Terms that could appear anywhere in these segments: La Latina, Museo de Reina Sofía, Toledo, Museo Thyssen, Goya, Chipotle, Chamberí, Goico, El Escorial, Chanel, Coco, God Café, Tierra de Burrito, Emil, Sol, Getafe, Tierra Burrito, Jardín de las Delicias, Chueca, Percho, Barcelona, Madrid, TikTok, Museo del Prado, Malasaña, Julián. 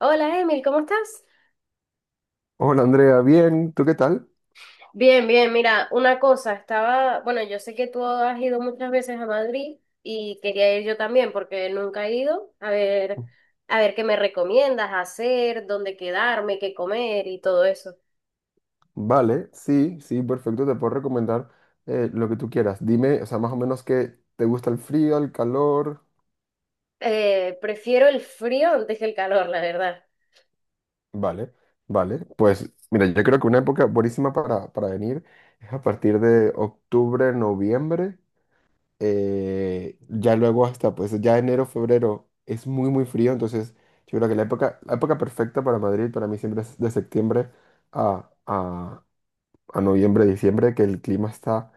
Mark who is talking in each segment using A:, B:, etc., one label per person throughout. A: Hola Emil, ¿cómo estás?
B: Hola Andrea, bien, ¿tú qué tal?
A: Bien, bien, mira, una cosa, estaba, bueno, yo sé que tú has ido muchas veces a Madrid y quería ir yo también porque nunca he ido, a ver qué me recomiendas hacer, dónde quedarme, qué comer y todo eso.
B: Vale, sí, perfecto, te puedo recomendar lo que tú quieras. Dime, o sea, más o menos qué te gusta, el frío, el calor.
A: Prefiero el frío antes que el calor, la verdad.
B: Vale, vale, pues mira, yo creo que una época buenísima para venir es a partir de octubre, noviembre, ya luego hasta, pues ya enero, febrero es muy frío, entonces yo creo que la época perfecta para Madrid para mí siempre es de septiembre a, a, a noviembre, diciembre, que el clima está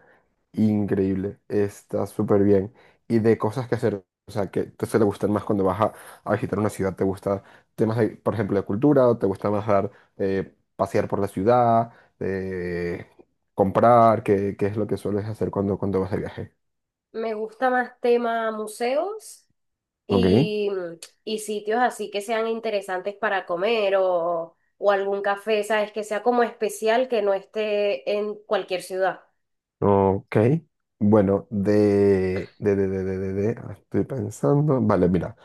B: increíble, está súper bien. Y de cosas que hacer, o sea, que te suele gustar más cuando vas a visitar una ciudad? ¿Te gusta por ejemplo, de cultura? ¿O te gusta más dar, pasear por la ciudad, eh, comprar? ¿Qué es lo que sueles hacer cuando vas de viaje?
A: Me gusta más tema museos
B: Ok,
A: y, y sitios así que sean interesantes para comer o algún café, ¿sabes? Que sea como especial que no esté en cualquier ciudad.
B: ok. Bueno, estoy pensando. Vale, mira,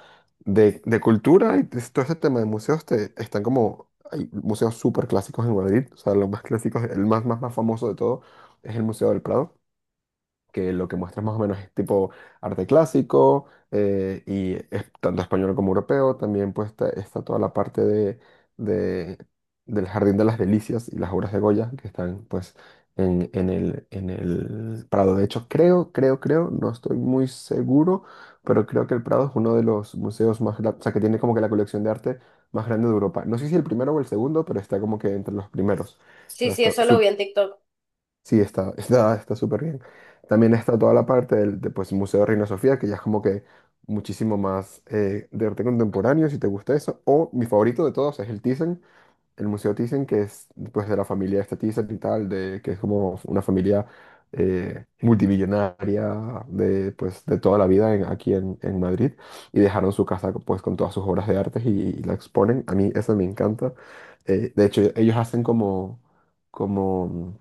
B: de cultura y de todo este tema de museos están como, hay museos súper clásicos en Madrid, o sea, los más clásicos, el más famoso de todo es el Museo del Prado, que lo que muestras más o menos es tipo arte clásico, y es tanto español como europeo. También pues está toda la parte de- del Jardín de las Delicias y las obras de Goya, que están pues en el Prado. De hecho, creo, no estoy muy seguro, pero creo que el Prado es uno de los museos más grandes, o sea, que tiene como que la colección de arte más grande de Europa. No sé si el primero o el segundo, pero está como que entre los primeros. O
A: Sí,
B: sea,
A: sí,
B: está...
A: eso lo vi en TikTok.
B: Sí, está, está súper bien. También está toda la parte del de, pues, Museo de Reina Sofía, que ya es como que muchísimo más de arte contemporáneo, si te gusta eso. O mi favorito de todos es el Thyssen, el Museo Thyssen, que es pues, de la familia esta Thyssen y tal, de, que es como una familia multimillonaria de, pues, de toda la vida aquí en Madrid. Y dejaron su casa pues, con todas sus obras de arte, y la exponen. A mí eso me encanta. De hecho, ellos hacen como... como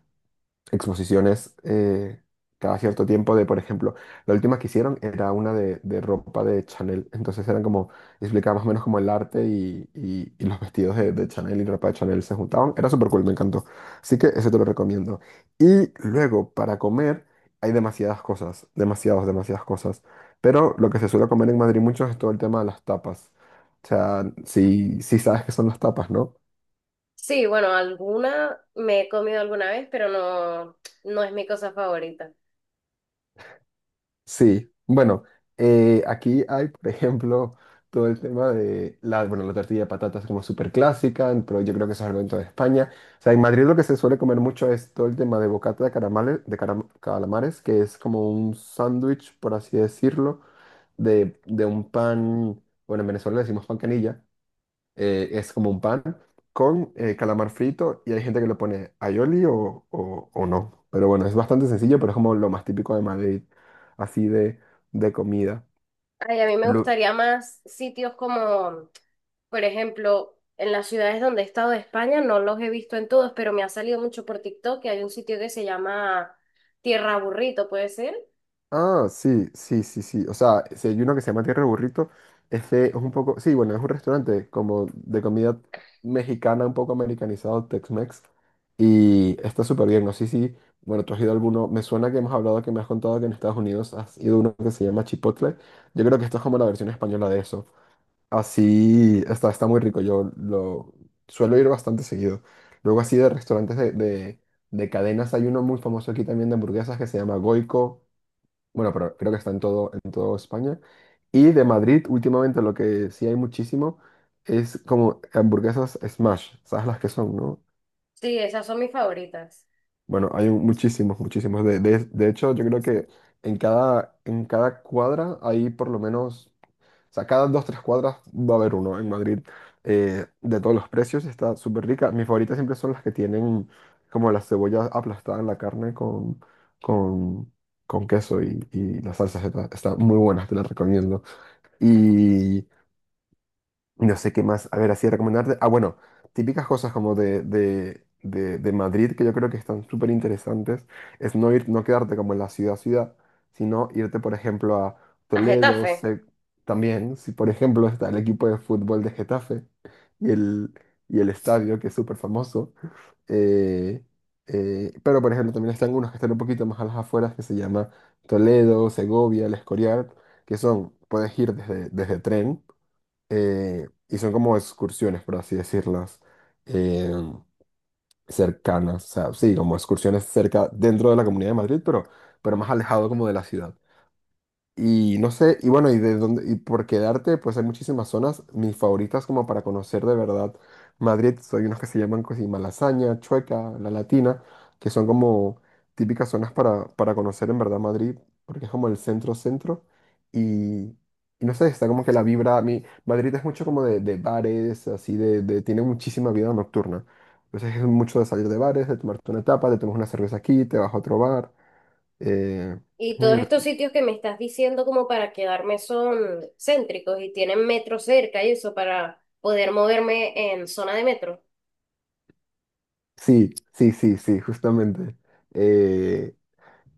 B: exposiciones cada cierto tiempo de, por ejemplo, la última que hicieron era una de ropa de Chanel, entonces eran como, explicaba más o menos como el arte y los vestidos de Chanel y ropa de Chanel se juntaban, era súper cool, me encantó, así que eso te lo recomiendo. Y luego, para comer, hay demasiadas cosas, demasiadas cosas, pero lo que se suele comer en Madrid mucho es todo el tema de las tapas, o sea, si sabes qué son las tapas, ¿no?
A: Sí, bueno, alguna me he comido alguna vez, pero no, no es mi cosa favorita.
B: Sí, bueno, aquí hay, por ejemplo, todo el tema de la, bueno, la tortilla de patatas como súper clásica, pero yo creo que eso es algo en toda España. O sea, en Madrid lo que se suele comer mucho es todo el tema de bocata de caramales, calamares, que es como un sándwich, por así decirlo, de un pan, bueno, en Venezuela le decimos pan canilla, es como un pan con calamar frito, y hay gente que le pone aioli o no. Pero bueno, es bastante sencillo, pero es como lo más típico de Madrid, así de comida.
A: Ay, a mí me gustaría más sitios como, por ejemplo, en las ciudades donde he estado de España, no los he visto en todos, pero me ha salido mucho por TikTok que hay un sitio que se llama Tierra Burrito, ¿puede ser?
B: Ah, sí. O sea, si hay uno que se llama Tierra de Burrito, este es un poco, sí, bueno, es un restaurante como de comida mexicana, un poco americanizado, Tex-Mex. Y está súper bien, no sé si, bueno, tú has ido a alguno, me suena que hemos hablado, que me has contado que en Estados Unidos has ido a uno que se llama Chipotle. Yo creo que esto es como la versión española de eso. Así, está muy rico, yo lo suelo ir bastante seguido. Luego así de restaurantes de cadenas, hay uno muy famoso aquí también de hamburguesas que se llama Goico. Bueno, pero creo que está en en toda España. Y de Madrid, últimamente lo que sí hay muchísimo es como hamburguesas smash, ¿sabes las que son, no?
A: Sí, esas son mis favoritas.
B: Bueno, muchísimos, muchísimos. De hecho, yo creo que en en cada cuadra hay por lo menos, o sea, cada dos, tres cuadras va a haber uno en Madrid, de todos los precios, y está súper rica. Mis favoritas siempre son las que tienen como la cebolla aplastada en la carne con, con queso y las salsas. Está, está muy buena, te la recomiendo. y no sé qué más, a ver, así recomendarte. Ah, bueno, típicas cosas como de Madrid que yo creo que están súper interesantes, es no ir, no quedarte como en la ciudad, sino irte, por ejemplo, a
A: A
B: Toledo,
A: Getafe.
B: también, si por ejemplo está el equipo de fútbol de Getafe y el, y el estadio, que es súper famoso. eh, pero, por ejemplo, también están unos que están un poquito más a las afueras, que se llama Toledo, Segovia, El Escorial, que son, puedes ir desde, desde tren, y son como excursiones, por así decirlas, eh, cercanas, o sea, sí, como excursiones cerca dentro de la Comunidad de Madrid, pero más alejado como de la ciudad. Y no sé, y bueno, y de dónde, y por quedarte, pues hay muchísimas zonas. Mis favoritas como para conocer de verdad Madrid, hay unas que se llaman così Malasaña, Chueca, La Latina, que son como típicas zonas para conocer en verdad Madrid, porque es como el centro centro. Y, y no sé, está como que la vibra, a mí, Madrid es mucho como de bares, así tiene muchísima vida nocturna. Entonces es mucho de salir de bares, de tomarte una tapa, te tomas una cerveza aquí, te vas a otro bar. eh,
A: Y
B: es muy
A: todos estos
B: divertido.
A: sitios que me estás diciendo como para quedarme son céntricos y tienen metro cerca y eso para poder moverme en zona de metro.
B: Sí, justamente. Eh,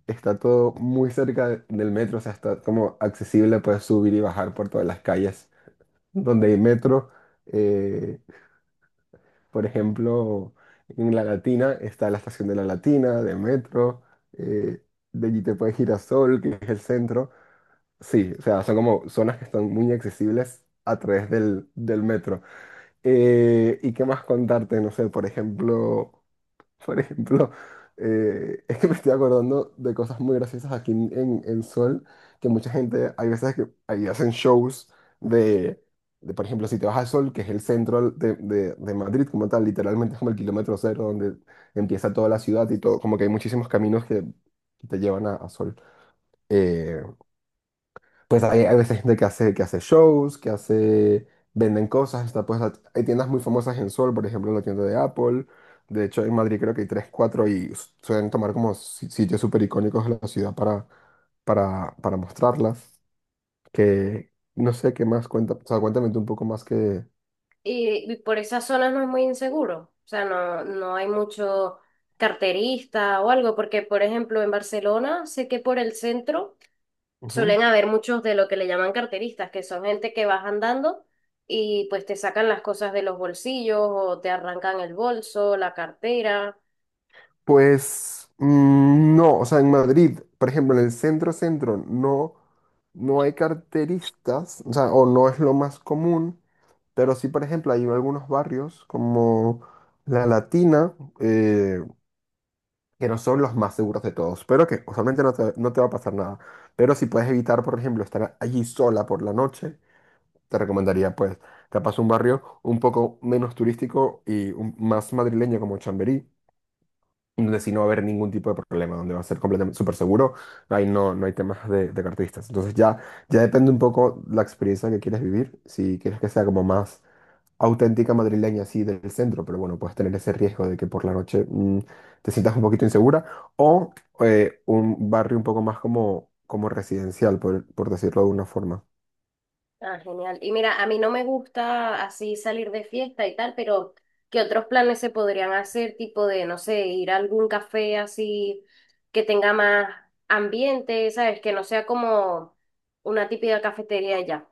B: Está todo muy cerca del metro, o sea, está como accesible, puedes subir y bajar por todas las calles donde hay metro. eh, por ejemplo, en La Latina está la estación de La Latina, de metro, eh, de allí te puedes ir a Sol, que es el centro. Sí, o sea, son como zonas que están muy accesibles a través del metro. ¿Y qué más contarte? No sé, por ejemplo... Por ejemplo, es que me estoy acordando de cosas muy graciosas aquí en Sol, que mucha gente, hay veces que ahí hacen shows de, de, por ejemplo, si te vas a Sol, que es el centro de Madrid como tal, literalmente es como el kilómetro cero donde empieza toda la ciudad y todo, como que hay muchísimos caminos que te llevan a Sol. Eh, pues hay veces gente que hace, que hace, venden cosas, está pues hay tiendas muy famosas en Sol, por ejemplo, la tienda de Apple, de hecho en Madrid creo que hay tres, cuatro, suelen tomar como sitios súper icónicos de la ciudad para mostrarlas, que no sé qué más cuenta, o sea, cuéntame tú un poco más que...
A: Y por esas zonas no es muy inseguro. O sea, no, no hay mucho carterista o algo, porque por ejemplo en Barcelona sé que por el centro
B: Ujú.
A: suelen haber muchos de lo que le llaman carteristas, que son gente que vas andando y pues te sacan las cosas de los bolsillos o te arrancan el bolso, la cartera.
B: Pues mm, no, o sea, en Madrid, por ejemplo, en el centro centro no, no hay carteristas, o sea, o no es lo más común. Pero sí, por ejemplo, hay algunos barrios como La Latina, eh, que no son los más seguros de todos, pero que usualmente no te va a pasar nada. Pero si puedes evitar, por ejemplo, estar allí sola por la noche, te recomendaría, pues, capaz un barrio un poco menos turístico más madrileño como Chamberí, donde sí no va a haber ningún tipo de problema, donde va a ser completamente súper seguro, ahí no, no hay temas de carteristas. Entonces ya, ya depende un poco la experiencia que quieres vivir, si quieres que sea como más auténtica madrileña así del centro, pero bueno, puedes tener ese riesgo de que por la noche mm, te sientas un poquito insegura, o un barrio un poco más como, como residencial, por decirlo de alguna forma.
A: Ah, genial. Y mira, a mí no me gusta así salir de fiesta y tal, pero ¿qué otros planes se podrían hacer? Tipo de, no sé, ir a algún café así que tenga más ambiente, ¿sabes? Que no sea como una típica cafetería ya.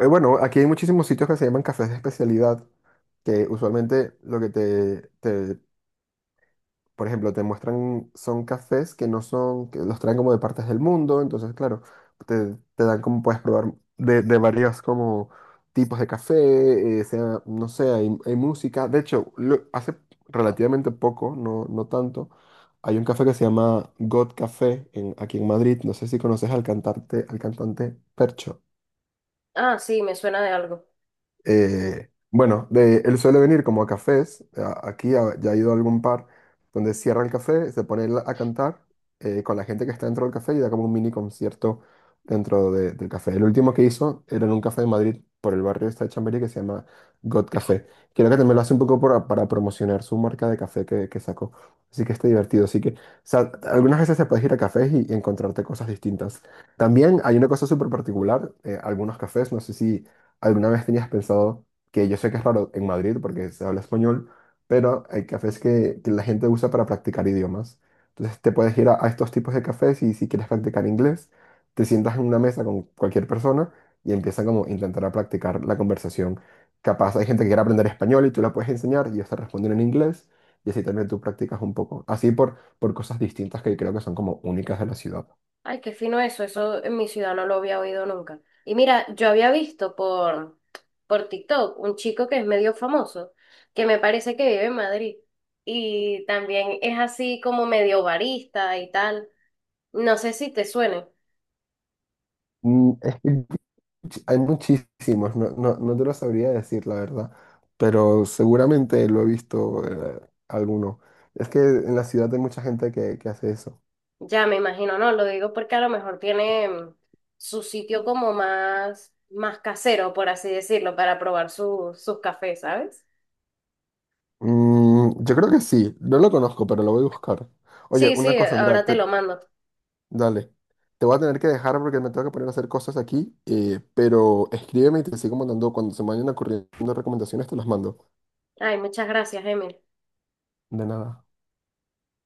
B: Bueno, aquí hay muchísimos sitios que se llaman cafés de especialidad, que usualmente lo que te, por ejemplo, te muestran, son cafés que no son, que los traen como de partes del mundo, entonces, claro, te dan como puedes probar de varios como tipos de café, sea, no sé, hay música. De hecho, hace relativamente poco, no tanto, hay un café que se llama God Café en, aquí en Madrid, no sé si conoces al cantante Percho.
A: Ah, sí, me suena de algo.
B: Bueno, de, él suele venir como a cafés, aquí ya ha ido a algún par, donde cierra el café, se pone él a cantar con la gente que está dentro del café, y da como un mini concierto dentro del café. El último que hizo era en un café de Madrid por el barrio este de Chamberí que se llama God Café. Creo que también lo hace un poco para promocionar su marca de café que sacó. Así que está divertido. Así que, o sea, algunas veces te puedes ir a cafés y encontrarte cosas distintas. También hay una cosa súper particular, algunos cafés, no sé si... ¿Alguna vez tenías pensado, que yo sé que es raro en Madrid porque se habla español, pero hay cafés que la gente usa para practicar idiomas? Entonces te puedes ir a estos tipos de cafés, y si quieres practicar inglés, te sientas en una mesa con cualquier persona y empiezan como a intentar a practicar la conversación. Capaz hay gente que quiere aprender español y tú la puedes enseñar y ellos te responden en inglés, y así también tú practicas un poco. Así por cosas distintas que creo que son como únicas de la ciudad.
A: Ay, qué fino eso, eso en mi ciudad no lo había oído nunca. Y mira, yo había visto por TikTok un chico que es medio famoso, que me parece que vive en Madrid y también es así como medio barista y tal. No sé si te suene,
B: Mm, es que hay muchísimos, no te lo sabría decir, la verdad, pero seguramente lo he visto alguno. Es que en la ciudad hay mucha gente que hace eso.
A: ya me imagino, no, lo digo porque a lo mejor tiene su sitio como más, más casero, por así decirlo, para probar sus cafés, ¿sabes?
B: Mm, yo creo que sí, no lo conozco, pero lo voy a buscar. Oye,
A: Sí,
B: una
A: sí,
B: cosa, Andrea,
A: ahora te lo mando.
B: dale, te voy a tener que dejar porque me tengo que poner a hacer cosas aquí, pero escríbeme y te sigo mandando, cuando se me vayan ocurriendo recomendaciones, te las mando.
A: Ay, muchas gracias, Emil.
B: De nada.